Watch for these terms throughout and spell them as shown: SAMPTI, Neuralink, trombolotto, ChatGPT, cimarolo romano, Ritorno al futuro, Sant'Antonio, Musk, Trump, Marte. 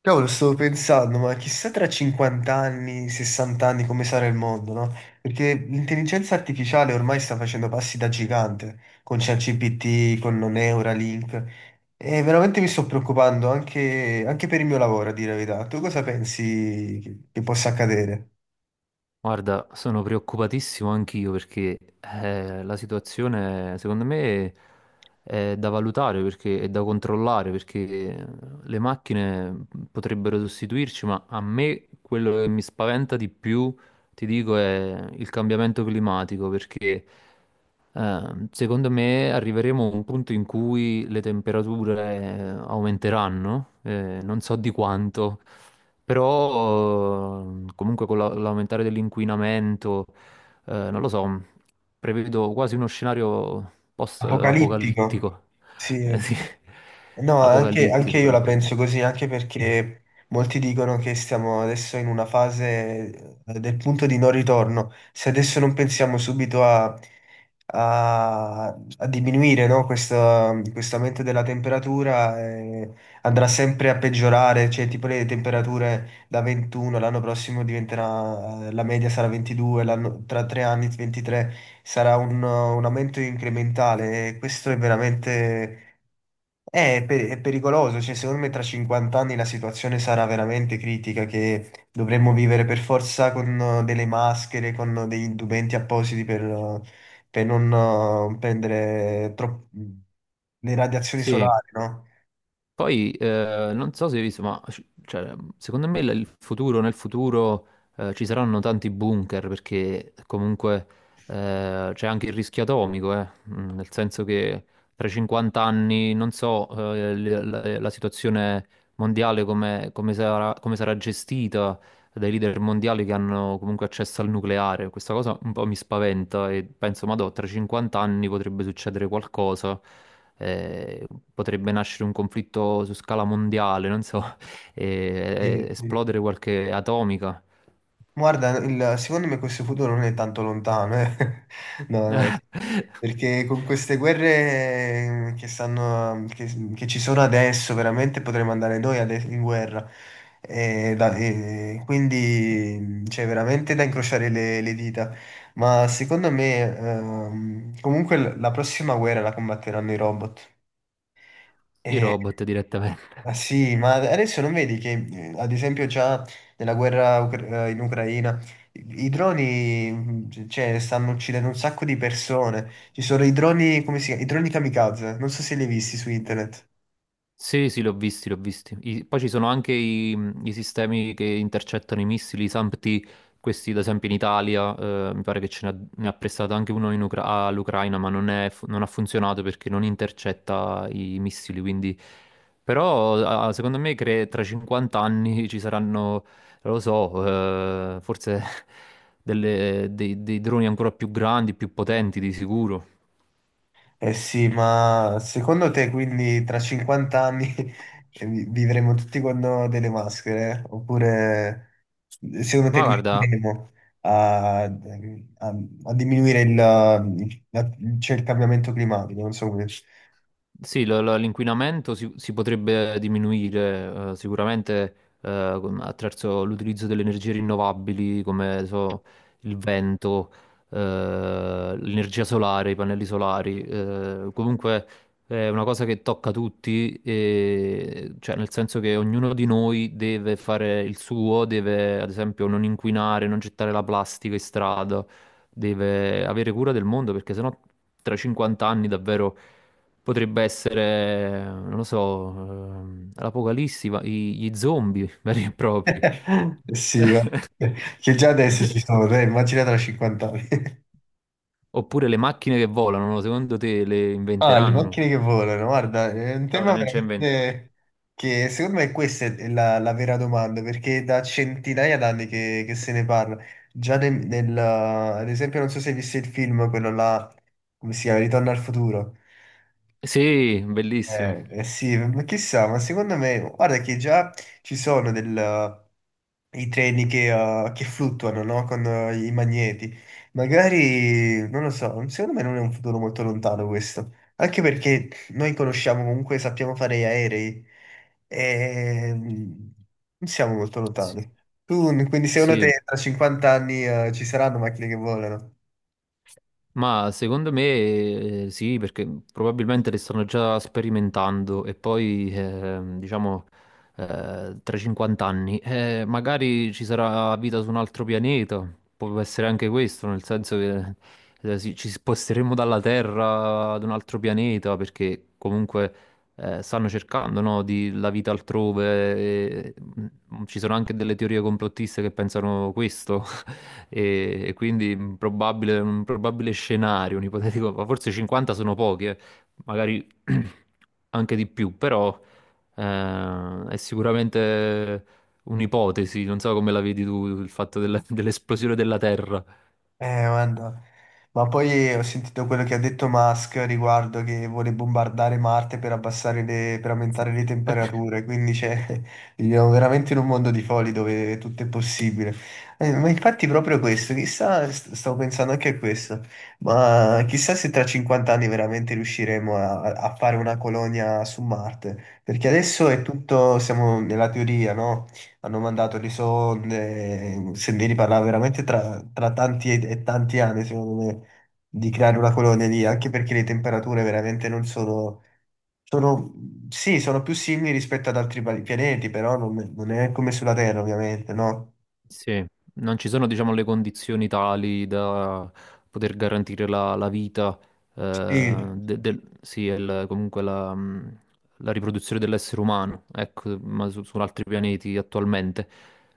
Cavolo, stavo pensando, ma chissà tra 50 anni, 60 anni come sarà il mondo, no? Perché l'intelligenza artificiale ormai sta facendo passi da gigante, con ChatGPT, con Neuralink, e veramente mi sto preoccupando anche per il mio lavoro, a dire la verità. Tu cosa pensi che possa accadere? Guarda, sono preoccupatissimo anch'io perché la situazione secondo me è da valutare perché è da controllare perché eh, le macchine potrebbero sostituirci, ma a me quello che mi spaventa di più, ti dico, è il cambiamento climatico perché secondo me arriveremo a un punto in cui le temperature aumenteranno, non so di quanto. Però comunque con l'aumentare dell'inquinamento, non lo so, prevedo quasi uno scenario Apocalittico? post-apocalittico. Sì. Sì, No, anche apocalittico io la proprio. penso così, anche perché molti dicono che stiamo adesso in una fase del punto di non ritorno. Se adesso non pensiamo subito a- a diminuire, no, questo aumento della temperatura, andrà sempre a peggiorare, cioè tipo le temperature da 21, l'anno prossimo diventerà, la media sarà 22, tra tre anni 23, sarà un aumento incrementale e questo è veramente è pericoloso, cioè secondo me tra 50 anni la situazione sarà veramente critica, che dovremmo vivere per forza con delle maschere, con degli indumenti appositi per non prendere le radiazioni Sì. solari, no? Poi non so se hai visto, ma cioè, secondo me il futuro, nel futuro ci saranno tanti bunker perché comunque c'è anche il rischio atomico, nel senso che tra 50 anni non so la situazione mondiale come, come sarà gestita dai leader mondiali che hanno comunque accesso al nucleare. Questa cosa un po' mi spaventa e penso, ma tra 50 anni potrebbe succedere qualcosa, eh, potrebbe nascere un conflitto su scala mondiale, non so, Sì, sì. esplodere qualche atomica. Guarda, secondo me questo futuro non è tanto lontano, eh. No, no, sì. Perché con queste guerre che ci sono adesso, veramente potremmo andare noi in guerra. E quindi c'è veramente da incrociare le dita. Ma secondo me, comunque la prossima guerra la combatteranno i robot. I robot direttamente. Ma sì, ma adesso non vedi che, ad esempio, già nella guerra in Ucraina i droni, cioè, stanno uccidendo un sacco di persone. Ci sono i droni, come si chiama? I droni kamikaze, non so se li hai visti su internet. Sì, sì, li ho visti, li ho visti. Poi ci sono anche i sistemi che intercettano i missili, i SAMPTI, questi ad esempio in Italia, mi pare che ne ha, prestato anche uno in all'Ucraina, ma non, è non ha funzionato perché non intercetta i missili, quindi... Però ah, secondo me tra 50 anni ci saranno, non lo so, forse dei droni ancora più grandi, più potenti di sicuro. Eh sì, ma secondo te quindi tra 50 anni vivremo tutti con delle maschere? Oppure secondo te Ma guarda. riusciremo a, a- a diminuire il- la- cioè, il cambiamento climatico? Non so come. Sì, l'inquinamento si potrebbe diminuire sicuramente attraverso l'utilizzo delle energie rinnovabili come so, il vento, l'energia solare, i pannelli solari. Comunque è una cosa che tocca tutti, cioè nel senso che ognuno di noi deve fare il suo, deve ad esempio non inquinare, non gettare la plastica in strada, deve avere cura del mondo perché sennò tra 50 anni davvero potrebbe essere, non lo so, l'Apocalissi, gli zombie veri e propri. Sì, che già adesso ci sono, dai, immagina tra 50 anni. Oppure le macchine che volano, no, secondo te le Ah, le inventeranno? macchine che volano, guarda, è un No, tema non c'è invento. veramente che secondo me questa è la vera domanda, perché da centinaia d'anni che se ne parla. Già ad esempio, non so se hai visto il film, quello là, come si chiama, Ritorno al futuro. Sì, bellissimo. Eh sì, ma chissà, ma secondo me, guarda che già ci sono i treni che fluttuano, no? Con i magneti. Magari, non lo so, secondo me non è un futuro molto lontano questo. Anche perché noi conosciamo comunque, sappiamo fare gli aerei e non siamo molto Sì, lontani. Tu, quindi secondo sì. te tra 50 anni, ci saranno macchine che volano? Ma secondo me sì, perché probabilmente le stanno già sperimentando e poi, diciamo, tra 50 anni, magari ci sarà vita su un altro pianeta, può essere anche questo, nel senso che sì, ci sposteremo dalla Terra ad un altro pianeta, perché comunque stanno cercando, no, di la vita altrove, e, ci sono anche delle teorie complottiste che pensano questo. E quindi un probabile scenario, un ipotetico, ma forse 50 sono pochi, magari anche di più, però è sicuramente un'ipotesi, non so come la vedi tu, il fatto dell'esplosione della Terra. Guarda. Ma poi ho sentito quello che ha detto Musk riguardo che vuole bombardare Marte per abbassare per aumentare Sì. le temperature, quindi cioè, viviamo veramente in un mondo di folli dove tutto è possibile. Ma infatti proprio questo, chissà, stavo pensando anche a questo, ma chissà se tra 50 anni veramente riusciremo a fare una colonia su Marte, perché adesso è tutto, siamo nella teoria, no? Hanno mandato lì sonde, Sendini parlava veramente tra tanti e tanti anni, secondo me, di creare una colonia lì, anche perché le temperature veramente non sono, sono, sì, sono più simili rispetto ad altri pianeti, però non è come sulla Terra, ovviamente, no? Sì, non ci sono, diciamo, le condizioni tali da poter garantire la, la vita, Sì, sì, e comunque la riproduzione dell'essere umano, ecco, ma su, su altri pianeti attualmente.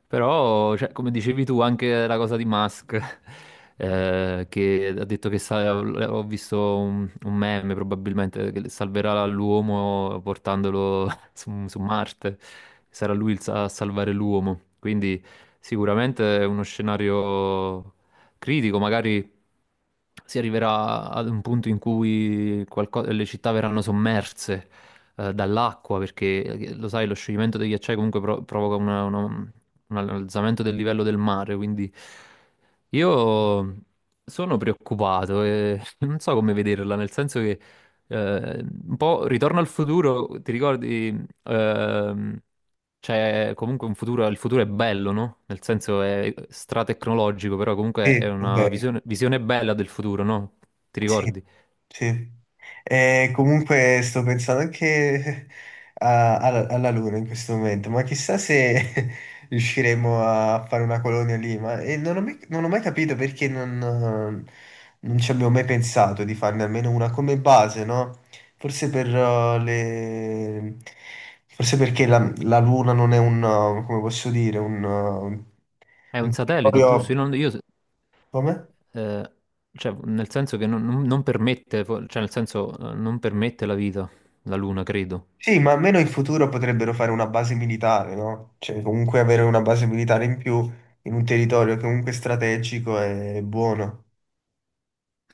Però, cioè, come dicevi tu, anche la cosa di Musk, che ha detto che ho visto un meme probabilmente che salverà l'uomo portandolo su, su Marte, sarà lui il a salvare l'uomo. Quindi sicuramente è uno scenario critico, magari si arriverà ad un punto in cui le città verranno sommerse dall'acqua, perché lo sai, lo scioglimento dei ghiacciai comunque provoca un alzamento del livello del mare, quindi io sono preoccupato e non so come vederla, nel senso che un po' Ritorno al futuro, ti ricordi. Ehm, cioè, comunque un futuro, il futuro è bello, no? Nel senso è stratecnologico, però comunque sì, è ok, una visione, visione bella del futuro, no? Ti sì, ricordi? sì. E comunque sto pensando anche alla Luna in questo momento, ma chissà se riusciremo a fare una colonia lì, e non ho mai capito perché non ci abbiamo mai pensato di farne almeno una come base, no? Forse per le. Forse perché la Luna non è come posso dire, un, uh, un È un un satellite, giusto? territorio. Io, non- io, Come? eh, cioè, nel senso che non permette, cioè, nel senso, non permette la vita, la Luna, credo. Sì, ma almeno in futuro potrebbero fare una base militare, no? Cioè, comunque avere una base militare in più in un territorio che comunque è strategico è buono.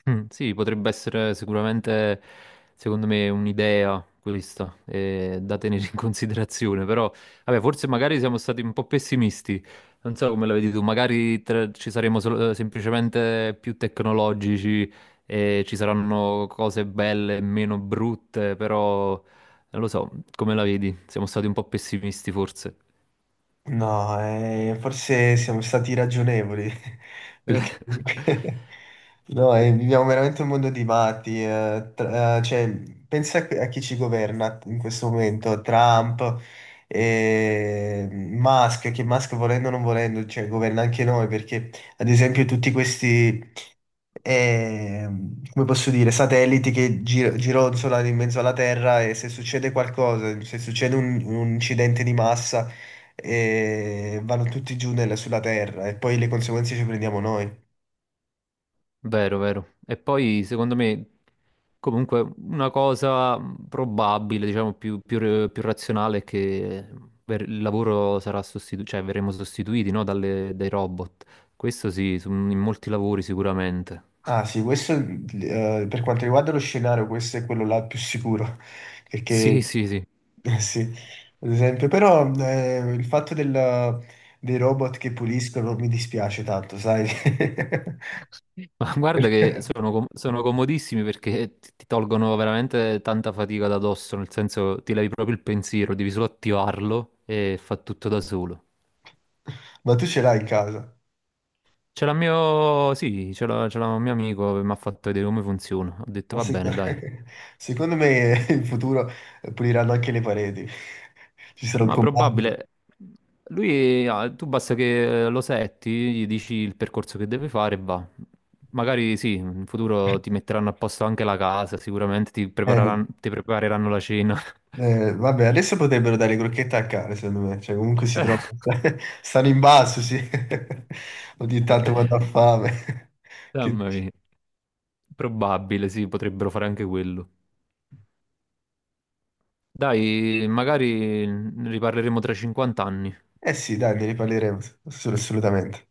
Mm. Sì, potrebbe essere sicuramente, secondo me, un'idea questa, da tenere in considerazione, però, vabbè, forse magari siamo stati un po' pessimisti, non so come la vedi tu, magari ci saremo semplicemente più tecnologici e ci saranno cose belle e meno brutte, però, non lo so, come la vedi? Siamo stati un po' pessimisti forse. No, forse siamo stati ragionevoli, perché no, viviamo veramente un mondo di matti. Cioè, pensa a chi ci governa in questo momento, Trump, e Musk, che Musk volendo o non volendo, cioè, governa anche noi, perché ad esempio tutti questi. eh, Come posso dire, satelliti che gironzolano in mezzo alla Terra e se succede qualcosa, se succede un incidente di massa, vanno tutti giù sulla Terra e poi le conseguenze ci prendiamo noi. Vero, vero. E poi, secondo me, comunque una cosa probabile, diciamo, più razionale è che il lavoro sarà sostituito, cioè verremo sostituiti, no, dai robot. Questo sì, in molti lavori sicuramente. Ah sì, questo per quanto riguarda lo scenario, questo è quello là più sicuro, perché Sì, sì, sì. Sì, ad esempio, però il fatto dei robot che puliscono mi dispiace tanto, sai? Ma guarda che sono, sono comodissimi perché ti tolgono veramente tanta fatica da dosso, nel senso ti levi proprio il pensiero, devi solo attivarlo e fa tutto da solo. Ma tu ce l'hai in casa? Ce l'ha mio... Sì, ce l'ha un mio amico che mi ha fatto vedere come funziona. Ho detto, Ma va bene, dai. secondo me in futuro puliranno anche le pareti. Ci sarà un Ma comando. probabile... Lui, ah, tu basta che lo setti, gli dici il percorso che deve fare e va. Magari sì, in futuro ti metteranno a posto anche la casa, sicuramente Eh, ti prepareranno la cena. Vabbè, adesso potrebbero dare crocchette a cane, secondo me. Cioè, comunque si trovano. Stanno in basso, sì. Ogni tanto Eh. quando ha fame. Che Mamma dici? mia. Probabile, sì, potrebbero fare anche quello. Dai, magari ne riparleremo tra 50 anni. Eh sì, dai, ne riparleremo. Assolutamente.